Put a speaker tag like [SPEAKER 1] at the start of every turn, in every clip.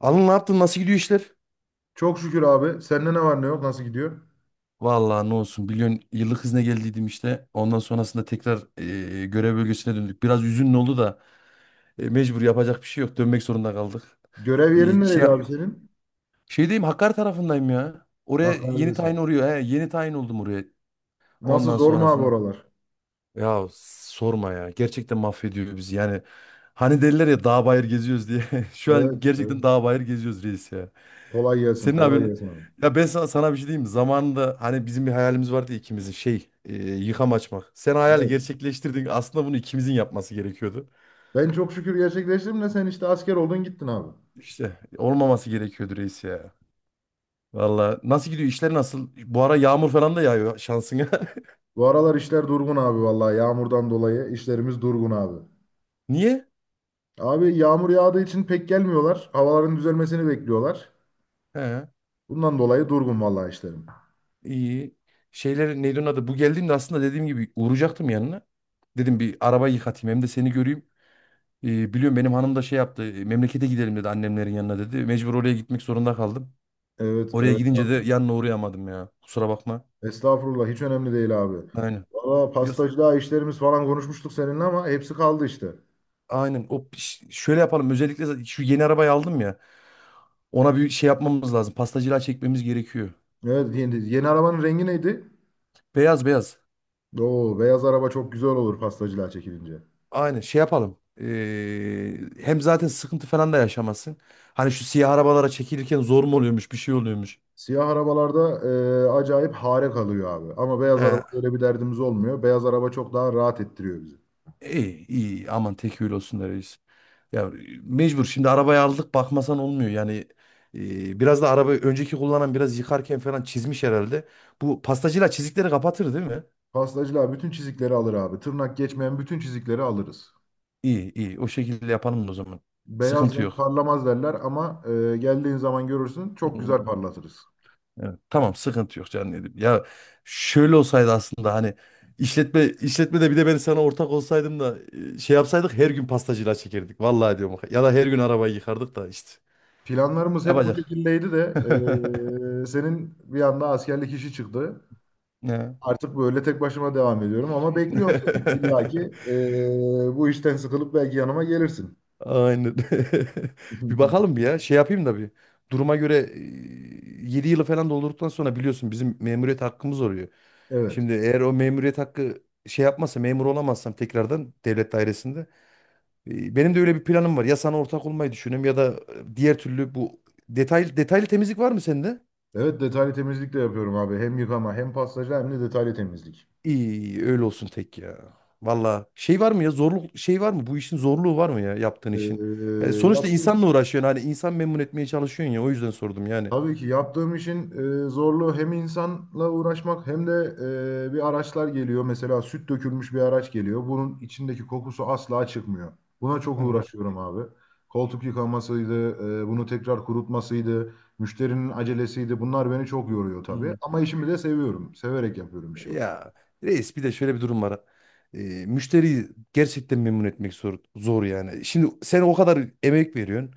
[SPEAKER 1] Alın ne yaptın? Nasıl gidiyor işler?
[SPEAKER 2] Çok şükür abi. Sende ne var ne yok? Nasıl gidiyor?
[SPEAKER 1] Vallahi ne olsun biliyorsun yıllık izne geldiydim işte. Ondan sonrasında tekrar görev bölgesine döndük. Biraz üzünlü oldu da mecbur yapacak bir şey yok. Dönmek zorunda kaldık.
[SPEAKER 2] Görev yerin
[SPEAKER 1] Şey,
[SPEAKER 2] nereydi abi senin?
[SPEAKER 1] şeydeyim Hakkari tarafındayım ya. Oraya yeni tayin
[SPEAKER 2] Hakkari'desin.
[SPEAKER 1] oluyor. He, yeni tayin oldum oraya.
[SPEAKER 2] Nasıl
[SPEAKER 1] Ondan
[SPEAKER 2] zor mu abi
[SPEAKER 1] sonrasında
[SPEAKER 2] oralar?
[SPEAKER 1] ya sorma ya. Gerçekten mahvediyor bizi. Yani hani derler ya dağ bayır geziyoruz diye. Şu an
[SPEAKER 2] Evet,
[SPEAKER 1] gerçekten
[SPEAKER 2] evet.
[SPEAKER 1] dağ bayır geziyoruz reis.
[SPEAKER 2] Kolay gelsin,
[SPEAKER 1] Senin
[SPEAKER 2] kolay
[SPEAKER 1] abin
[SPEAKER 2] gelsin abi.
[SPEAKER 1] ya ben sana bir şey diyeyim mi? Zamanında hani bizim bir hayalimiz vardı ya ikimizin şey yıkam açmak. Sen hayali
[SPEAKER 2] Evet.
[SPEAKER 1] gerçekleştirdin. Aslında bunu ikimizin yapması gerekiyordu.
[SPEAKER 2] Ben çok şükür gerçekleştirdim de sen işte asker oldun gittin abi.
[SPEAKER 1] İşte olmaması gerekiyordu reis ya. Valla nasıl gidiyor işler nasıl? Bu ara yağmur falan da yağıyor şansına.
[SPEAKER 2] Bu aralar işler durgun abi vallahi yağmurdan dolayı işlerimiz durgun abi.
[SPEAKER 1] Niye?
[SPEAKER 2] Abi yağmur yağdığı için pek gelmiyorlar. Havaların düzelmesini bekliyorlar.
[SPEAKER 1] He,
[SPEAKER 2] Bundan dolayı durgun vallahi işlerim.
[SPEAKER 1] iyi. Şeyler neydi onun adı? Bu geldiğimde aslında dediğim gibi uğrayacaktım yanına. Dedim bir araba yıkatayım hem de seni göreyim. Biliyorum benim hanım da şey yaptı. Memlekete gidelim dedi annemlerin yanına dedi. Mecbur oraya gitmek zorunda kaldım.
[SPEAKER 2] Evet,
[SPEAKER 1] Oraya
[SPEAKER 2] evet
[SPEAKER 1] gidince de
[SPEAKER 2] abi.
[SPEAKER 1] yanına uğrayamadım ya. Kusura bakma.
[SPEAKER 2] Estağfurullah hiç önemli değil abi.
[SPEAKER 1] Aynen.
[SPEAKER 2] Valla
[SPEAKER 1] Yos-
[SPEAKER 2] pastacılığa işlerimiz falan konuşmuştuk seninle ama hepsi kaldı işte.
[SPEAKER 1] Aynen. O şöyle yapalım. Özellikle zaten şu yeni arabayı aldım ya. Ona bir şey yapmamız lazım. Pastacılığa çekmemiz gerekiyor.
[SPEAKER 2] Evet, yeni arabanın rengi neydi?
[SPEAKER 1] Beyaz beyaz.
[SPEAKER 2] Oo beyaz araba çok güzel olur pastacılığa çekilince.
[SPEAKER 1] Aynen. Şey yapalım. Hem zaten sıkıntı falan da yaşamazsın. Hani şu siyah arabalara çekilirken zor mu oluyormuş, bir şey oluyormuş.
[SPEAKER 2] Siyah arabalarda acayip hare kalıyor abi. Ama beyaz araba
[SPEAKER 1] Ee,
[SPEAKER 2] öyle bir derdimiz olmuyor. Beyaz araba çok daha rahat ettiriyor bizi.
[SPEAKER 1] iyi iyi. Aman tekil olsun da reis. Ya mecbur şimdi arabayı aldık bakmasan olmuyor. Yani biraz da arabayı önceki kullanan biraz yıkarken falan çizmiş herhalde. Bu pastacıyla çizikleri kapatır değil mi?
[SPEAKER 2] Pastacılığa bütün çizikleri alır abi. Tırnak geçmeyen bütün çizikleri alırız.
[SPEAKER 1] İyi iyi o şekilde yapalım o zaman.
[SPEAKER 2] Beyaz
[SPEAKER 1] Sıkıntı
[SPEAKER 2] renk
[SPEAKER 1] yok.
[SPEAKER 2] parlamaz derler ama geldiğin zaman görürsün çok güzel
[SPEAKER 1] Hmm.
[SPEAKER 2] parlatırız.
[SPEAKER 1] Evet, tamam sıkıntı yok canım dedim. Ya şöyle olsaydı aslında hani işletmede bir de ben sana ortak olsaydım da şey yapsaydık her gün pastacıyla çekerdik. Vallahi diyorum. Ya da her gün arabayı yıkardık da işte.
[SPEAKER 2] Planlarımız hep bu
[SPEAKER 1] Yapacak.
[SPEAKER 2] şekildeydi de senin bir anda askerlik işi çıktı.
[SPEAKER 1] Ne?
[SPEAKER 2] Artık böyle tek başıma devam ediyorum ama bekliyorum seni. İlla ki eee, bu işten sıkılıp belki yanıma gelirsin.
[SPEAKER 1] Aynen. Bir bakalım bir ya. Şey yapayım da bir. Duruma göre 7 yılı falan doldurduktan sonra biliyorsun bizim memuriyet hakkımız oluyor.
[SPEAKER 2] Evet.
[SPEAKER 1] Şimdi eğer o memuriyet hakkı şey yapmazsa memur olamazsam tekrardan devlet dairesinde. Benim de öyle bir planım var. Ya sana ortak olmayı düşünüyorum ya da diğer türlü bu detaylı detaylı temizlik var mı sende?
[SPEAKER 2] Evet, detaylı temizlik de yapıyorum abi. Hem yıkama hem pastacı hem de detaylı temizlik.
[SPEAKER 1] İyi öyle olsun tek ya. Valla şey var mı ya zorluk şey var mı? Bu işin zorluğu var mı ya yaptığın işin? Yani
[SPEAKER 2] Eee,
[SPEAKER 1] sonuçta
[SPEAKER 2] yaptım.
[SPEAKER 1] insanla uğraşıyorsun hani insan memnun etmeye çalışıyorsun ya o yüzden sordum yani.
[SPEAKER 2] Tabii ki yaptığım işin zorluğu hem insanla uğraşmak hem de bir araçlar geliyor. Mesela süt dökülmüş bir araç geliyor. Bunun içindeki kokusu asla çıkmıyor. Buna çok
[SPEAKER 1] Evet.
[SPEAKER 2] uğraşıyorum abi. Koltuk yıkamasıydı, bunu tekrar kurutmasıydı, müşterinin acelesiydi. Bunlar beni çok yoruyor tabii.
[SPEAKER 1] Hmm.
[SPEAKER 2] Ama işimi de seviyorum. Severek yapıyorum işimi.
[SPEAKER 1] Ya reis bir de şöyle bir durum var. Ee, Müşteriyi gerçekten memnun etmek zor, zor yani. Şimdi sen o kadar emek veriyorsun.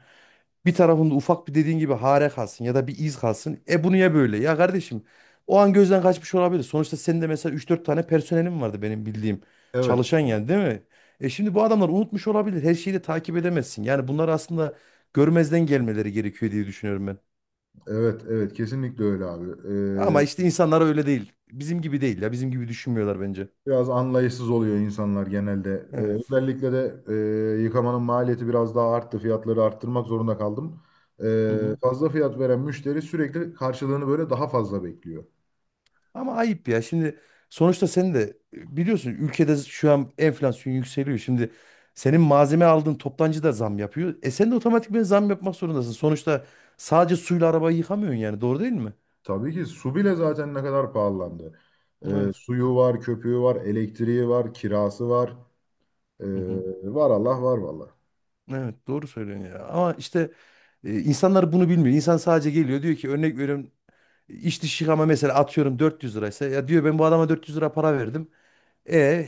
[SPEAKER 1] Bir tarafında ufak bir dediğin gibi hare kalsın ya da bir iz kalsın. E bu niye böyle? Ya kardeşim o an gözden kaçmış olabilir. Sonuçta senin de mesela üç dört tane personelin vardı benim bildiğim.
[SPEAKER 2] Evet,
[SPEAKER 1] Çalışan yani değil mi? E şimdi bu adamlar unutmuş olabilir. Her şeyi de takip edemezsin. Yani bunlar aslında görmezden gelmeleri gerekiyor diye düşünüyorum.
[SPEAKER 2] evet, evet, kesinlikle öyle abi.
[SPEAKER 1] Ama
[SPEAKER 2] E,
[SPEAKER 1] işte insanlar öyle değil. Bizim gibi değil ya. Bizim gibi düşünmüyorlar bence.
[SPEAKER 2] Biraz anlayışsız oluyor insanlar genelde. Ee,
[SPEAKER 1] Evet.
[SPEAKER 2] özellikle de yıkamanın maliyeti biraz daha arttı. Fiyatları arttırmak zorunda kaldım.
[SPEAKER 1] Hı hı.
[SPEAKER 2] Fazla fiyat veren müşteri sürekli karşılığını böyle daha fazla bekliyor.
[SPEAKER 1] Ama ayıp ya. Şimdi sonuçta sen de biliyorsun ülkede şu an enflasyon yükseliyor. Şimdi senin malzeme aldığın toptancı da zam yapıyor. E sen de otomatikman zam yapmak zorundasın. Sonuçta sadece suyla arabayı yıkamıyorsun yani. Doğru değil mi?
[SPEAKER 2] Tabii ki su bile zaten ne kadar pahalandı.
[SPEAKER 1] Evet.
[SPEAKER 2] Suyu var, köpüğü var, elektriği var, kirası var. Ee,
[SPEAKER 1] Hı hı.
[SPEAKER 2] var Allah var vallahi.
[SPEAKER 1] Evet doğru söylüyorsun ya. Ama işte insanlar bunu bilmiyor. İnsan sadece geliyor diyor ki örnek veriyorum iç dış yıkama mesela atıyorum 400 liraysa ya diyor ben bu adama 400 lira para verdim. E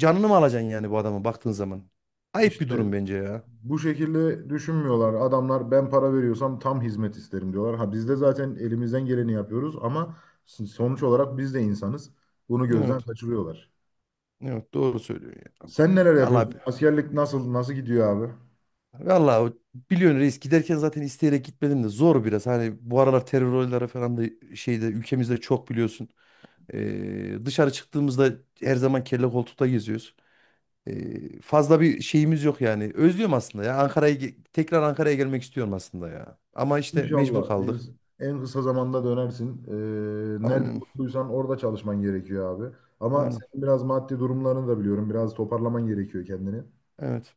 [SPEAKER 1] canını mı alacaksın yani bu adama baktığın zaman? Ayıp bir
[SPEAKER 2] İşte
[SPEAKER 1] durum bence ya.
[SPEAKER 2] bu şekilde düşünmüyorlar. Adamlar ben para veriyorsam tam hizmet isterim diyorlar. Ha biz de zaten elimizden geleni yapıyoruz ama sonuç olarak biz de insanız. Bunu gözden
[SPEAKER 1] Evet.
[SPEAKER 2] kaçırıyorlar.
[SPEAKER 1] Evet doğru söylüyorsun ya.
[SPEAKER 2] Sen neler
[SPEAKER 1] Vallahi
[SPEAKER 2] yapıyorsun? Askerlik nasıl gidiyor abi?
[SPEAKER 1] vallahi biliyorsun reis giderken zaten isteyerek gitmedim de zor biraz. Hani bu aralar terör olayları falan da şeyde ülkemizde çok biliyorsun. Dışarı çıktığımızda her zaman kelle koltukta geziyoruz. Fazla bir şeyimiz yok yani. Özlüyorum aslında ya. Ankara'ya tekrar Ankara'ya gelmek istiyorum aslında ya. Ama işte
[SPEAKER 2] İnşallah
[SPEAKER 1] mecbur kaldık.
[SPEAKER 2] en kısa zamanda dönersin. Nerede
[SPEAKER 1] Aynen.
[SPEAKER 2] mutluysan orada çalışman gerekiyor abi. Ama
[SPEAKER 1] Aynen.
[SPEAKER 2] senin biraz maddi durumlarını da biliyorum. Biraz toparlaman gerekiyor kendini.
[SPEAKER 1] Evet.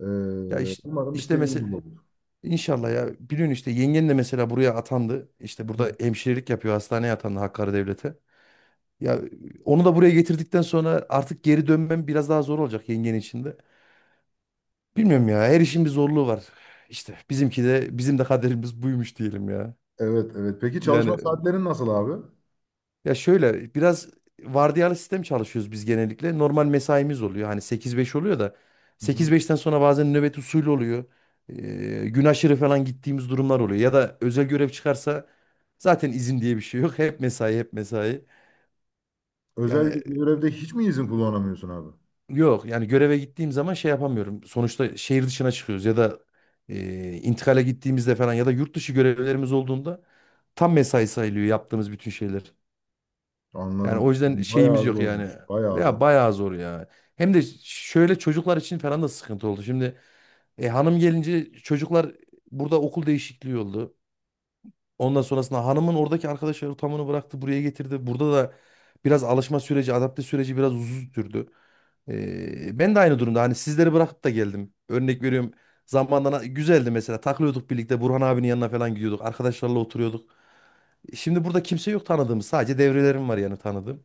[SPEAKER 1] Ya işte,
[SPEAKER 2] Umarım
[SPEAKER 1] işte
[SPEAKER 2] istediğin
[SPEAKER 1] mesela
[SPEAKER 2] gibi olur.
[SPEAKER 1] İnşallah ya. Biliyorsun işte yengen de mesela buraya atandı. İşte
[SPEAKER 2] Hı.
[SPEAKER 1] burada hemşirelik yapıyor. Hastaneye atandı Hakkari Devlet'e. Ya onu da buraya getirdikten sonra artık geri dönmem biraz daha zor olacak yengen içinde. De. Bilmiyorum ya. Her işin bir zorluğu var. İşte bizimki de bizim de kaderimiz buymuş diyelim ya.
[SPEAKER 2] Evet, evet. Peki
[SPEAKER 1] Yani
[SPEAKER 2] çalışma saatlerin nasıl abi?
[SPEAKER 1] ya şöyle biraz vardiyalı sistem çalışıyoruz biz genellikle. Normal mesaimiz oluyor. Hani sekiz beş oluyor da
[SPEAKER 2] Hı hı.
[SPEAKER 1] sekiz beşten sonra bazen nöbet usulü oluyor. Ee, Gün aşırı falan gittiğimiz durumlar oluyor. Ya da özel görev çıkarsa zaten izin diye bir şey yok. Hep mesai, hep mesai.
[SPEAKER 2] Özel
[SPEAKER 1] Yani
[SPEAKER 2] bir görevde hiç mi izin kullanamıyorsun abi?
[SPEAKER 1] yok yani göreve gittiğim zaman şey yapamıyorum. Sonuçta şehir dışına çıkıyoruz ya da intikale gittiğimizde falan ya da yurt dışı görevlerimiz olduğunda tam mesai sayılıyor yaptığımız bütün şeyler. Yani o
[SPEAKER 2] Anladım.
[SPEAKER 1] yüzden şeyimiz
[SPEAKER 2] Bayağı
[SPEAKER 1] yok yani.
[SPEAKER 2] zormuş. Bayağı
[SPEAKER 1] Ya
[SPEAKER 2] zor.
[SPEAKER 1] bayağı zor ya. Hem de şöyle çocuklar için falan da sıkıntı oldu. Şimdi hanım gelince çocuklar burada okul değişikliği oldu. Ondan sonrasında hanımın oradaki arkadaş ortamını bıraktı, buraya getirdi. Burada da biraz alışma süreci, adapte süreci biraz uzun sürdü. Ben de aynı durumda. Hani sizleri bırakıp da geldim. Örnek veriyorum. Zamanla güzeldi mesela. Takılıyorduk birlikte. Burhan abinin yanına falan gidiyorduk. Arkadaşlarla oturuyorduk. Şimdi burada kimse yok tanıdığımız. Sadece devrelerim var yani tanıdığım.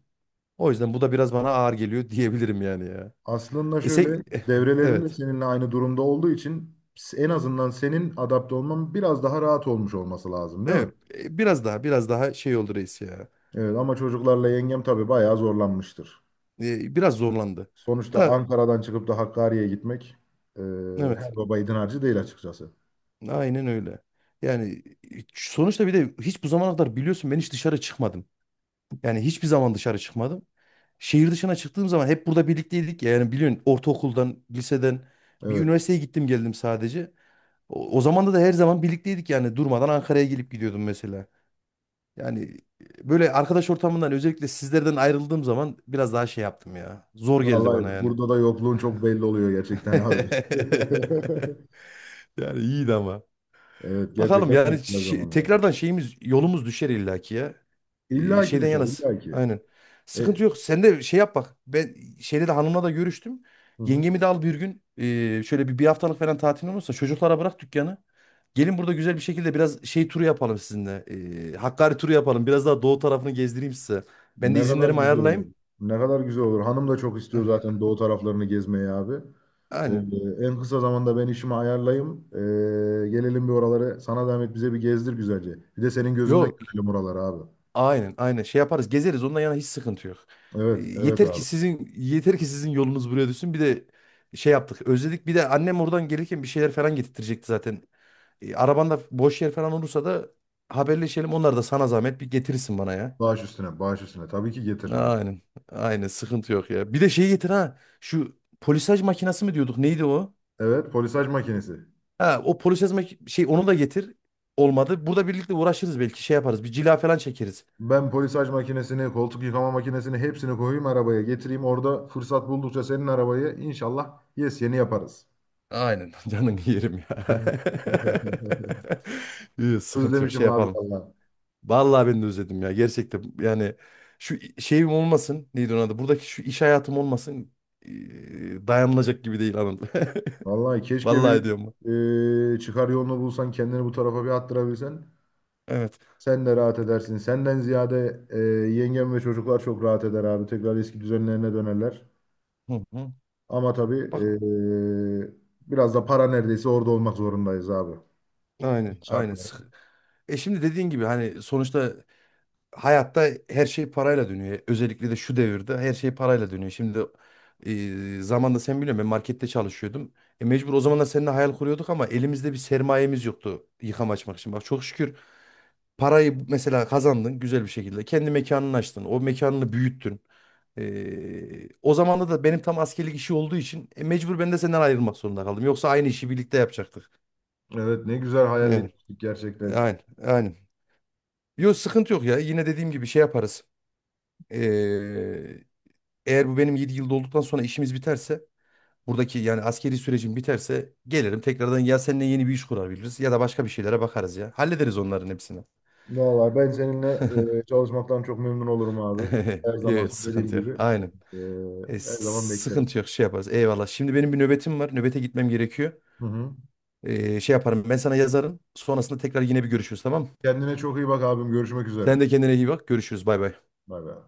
[SPEAKER 1] O yüzden bu da biraz bana ağır geliyor diyebilirim yani ya.
[SPEAKER 2] Aslında
[SPEAKER 1] Sen
[SPEAKER 2] şöyle devrelerin de
[SPEAKER 1] evet.
[SPEAKER 2] seninle aynı durumda olduğu için en azından senin adapte olman biraz daha rahat olmuş olması lazım değil mi?
[SPEAKER 1] Evet. Biraz daha biraz daha şey oldu reis ya.
[SPEAKER 2] Evet, ama çocuklarla yengem tabii bayağı zorlanmıştır.
[SPEAKER 1] Biraz zorlandı.
[SPEAKER 2] Sonuçta
[SPEAKER 1] Da
[SPEAKER 2] Ankara'dan çıkıp da Hakkari'ye gitmek e,
[SPEAKER 1] evet.
[SPEAKER 2] her baba yiğidin harcı değil açıkçası.
[SPEAKER 1] Aynen öyle. Yani sonuçta bir de hiç bu zamana kadar biliyorsun ben hiç dışarı çıkmadım. Yani hiçbir zaman dışarı çıkmadım. Şehir dışına çıktığım zaman hep burada birlikteydik ya. Yani biliyorsun ortaokuldan, liseden bir
[SPEAKER 2] Evet.
[SPEAKER 1] üniversiteye gittim geldim sadece. O zaman da her zaman birlikteydik yani durmadan Ankara'ya gelip gidiyordum mesela. Yani böyle arkadaş ortamından özellikle sizlerden ayrıldığım zaman biraz daha şey yaptım ya. Zor geldi bana
[SPEAKER 2] Vallahi
[SPEAKER 1] yani.
[SPEAKER 2] burada da yokluğun çok belli oluyor gerçekten abi.
[SPEAKER 1] Yani iyiydi ama.
[SPEAKER 2] Evet,
[SPEAKER 1] Bakalım
[SPEAKER 2] gerçekten
[SPEAKER 1] yani
[SPEAKER 2] çok güzel zamanlardı.
[SPEAKER 1] tekrardan şeyimiz yolumuz düşer illaki ya.
[SPEAKER 2] İlla ki
[SPEAKER 1] Şeyden
[SPEAKER 2] düşer,
[SPEAKER 1] yanasın.
[SPEAKER 2] illa ki.
[SPEAKER 1] Aynen.
[SPEAKER 2] E,
[SPEAKER 1] Sıkıntı yok. Sen de şey yap bak. Ben şeyde de hanımla da görüştüm.
[SPEAKER 2] hı hı.
[SPEAKER 1] Yengemi de al bir gün. Şöyle bir haftalık falan tatil olursa çocuklara bırak dükkanı. Gelin burada güzel bir şekilde biraz şey turu yapalım sizinle. Hakkari turu yapalım. Biraz daha doğu tarafını gezdireyim size. Ben de
[SPEAKER 2] Ne kadar
[SPEAKER 1] izinlerimi
[SPEAKER 2] güzel olur.
[SPEAKER 1] ayarlayayım.
[SPEAKER 2] Ne kadar güzel olur. Hanım da çok istiyor zaten doğu taraflarını gezmeyi abi. E,
[SPEAKER 1] Aynen.
[SPEAKER 2] en kısa zamanda ben işimi ayarlayayım. Gelelim bir oraları. Sana zahmet bize bir gezdir güzelce. Bir de senin gözünden
[SPEAKER 1] Yok.
[SPEAKER 2] görelim oraları abi.
[SPEAKER 1] Aynen aynen şey yaparız gezeriz ondan yana hiç sıkıntı yok.
[SPEAKER 2] Evet, evet
[SPEAKER 1] Yeter ki
[SPEAKER 2] abi.
[SPEAKER 1] sizin yeter ki sizin yolunuz buraya düşsün bir de şey yaptık özledik bir de annem oradan gelirken bir şeyler falan getirtecekti zaten. Arabanda boş yer falan olursa da haberleşelim onlar da sana zahmet bir getirirsin bana ya.
[SPEAKER 2] Bağış üstüne, bağış üstüne. Tabii ki getiririm abi.
[SPEAKER 1] Aynen aynen sıkıntı yok ya. Bir de şey getir ha şu polisaj makinesi mi diyorduk neydi o?
[SPEAKER 2] Evet, polisaj makinesi.
[SPEAKER 1] Ha o polisaj şey onu da getir olmadı burada birlikte uğraşırız belki şey yaparız bir cila falan çekeriz.
[SPEAKER 2] Ben polisaj makinesini, koltuk yıkama makinesini hepsini koyayım arabaya getireyim. Orada fırsat buldukça senin arabayı inşallah yes yeni yaparız.
[SPEAKER 1] Aynen canın yerim ya. Yok, sıkıntı yok
[SPEAKER 2] Özlemişim
[SPEAKER 1] şey
[SPEAKER 2] abi
[SPEAKER 1] yapalım.
[SPEAKER 2] vallahi.
[SPEAKER 1] Vallahi ben de özledim ya gerçekten yani şu şeyim olmasın neydi onun adı buradaki şu iş hayatım olmasın dayanılacak gibi değil hanım.
[SPEAKER 2] Vallahi keşke
[SPEAKER 1] Vallahi
[SPEAKER 2] bir
[SPEAKER 1] diyorum.
[SPEAKER 2] çıkar yolunu bulsan kendini bu tarafa bir attırabilsen.
[SPEAKER 1] Evet.
[SPEAKER 2] Sen de rahat edersin. Senden ziyade yengem ve çocuklar çok rahat eder abi. Tekrar eski düzenlerine dönerler.
[SPEAKER 1] Hı hı.
[SPEAKER 2] Ama tabii
[SPEAKER 1] Bak
[SPEAKER 2] biraz da para neredeyse orada olmak zorundayız abi.
[SPEAKER 1] aynen aynen.
[SPEAKER 2] Şartlar.
[SPEAKER 1] Şimdi dediğin gibi hani sonuçta hayatta her şey parayla dönüyor. Özellikle de şu devirde her şey parayla dönüyor. Şimdi zamanında sen biliyorsun ben markette çalışıyordum. Mecbur o zamanlar seninle hayal kuruyorduk ama elimizde bir sermayemiz yoktu yıkama açmak için. Bak çok şükür parayı mesela kazandın güzel bir şekilde. Kendi mekanını açtın. O mekanını büyüttün. O zamanda da benim tam askerlik işi olduğu için mecbur ben de senden ayrılmak zorunda kaldım. Yoksa aynı işi birlikte yapacaktık.
[SPEAKER 2] Evet, ne güzel hayal
[SPEAKER 1] Yani,
[SPEAKER 2] etmiştik gerçekten.
[SPEAKER 1] aynen, aynen. Yok sıkıntı yok ya. Yine dediğim gibi şey yaparız. Ee, Eğer bu benim 7 yılda olduktan sonra işimiz biterse buradaki yani askeri sürecim biterse gelirim tekrardan ya seninle yeni bir iş kurabiliriz ya da başka bir şeylere bakarız ya. Hallederiz onların hepsini.
[SPEAKER 2] Vallahi ben seninle çalışmaktan çok memnun olurum abi. Her zaman
[SPEAKER 1] Evet,
[SPEAKER 2] söylediğim
[SPEAKER 1] sıkıntı yok.
[SPEAKER 2] gibi.
[SPEAKER 1] Aynen.
[SPEAKER 2] e, her zaman beklerim.
[SPEAKER 1] Sıkıntı yok şey yaparız. Eyvallah. Şimdi benim bir nöbetim var. Nöbete gitmem gerekiyor.
[SPEAKER 2] Hı hı.
[SPEAKER 1] Şey yaparım ben sana yazarım. Sonrasında tekrar yine bir görüşürüz tamam mı?
[SPEAKER 2] Kendine çok iyi bak abim. Görüşmek
[SPEAKER 1] Sen
[SPEAKER 2] üzere.
[SPEAKER 1] de kendine iyi bak. Görüşürüz. Bay bay.
[SPEAKER 2] Bay bay.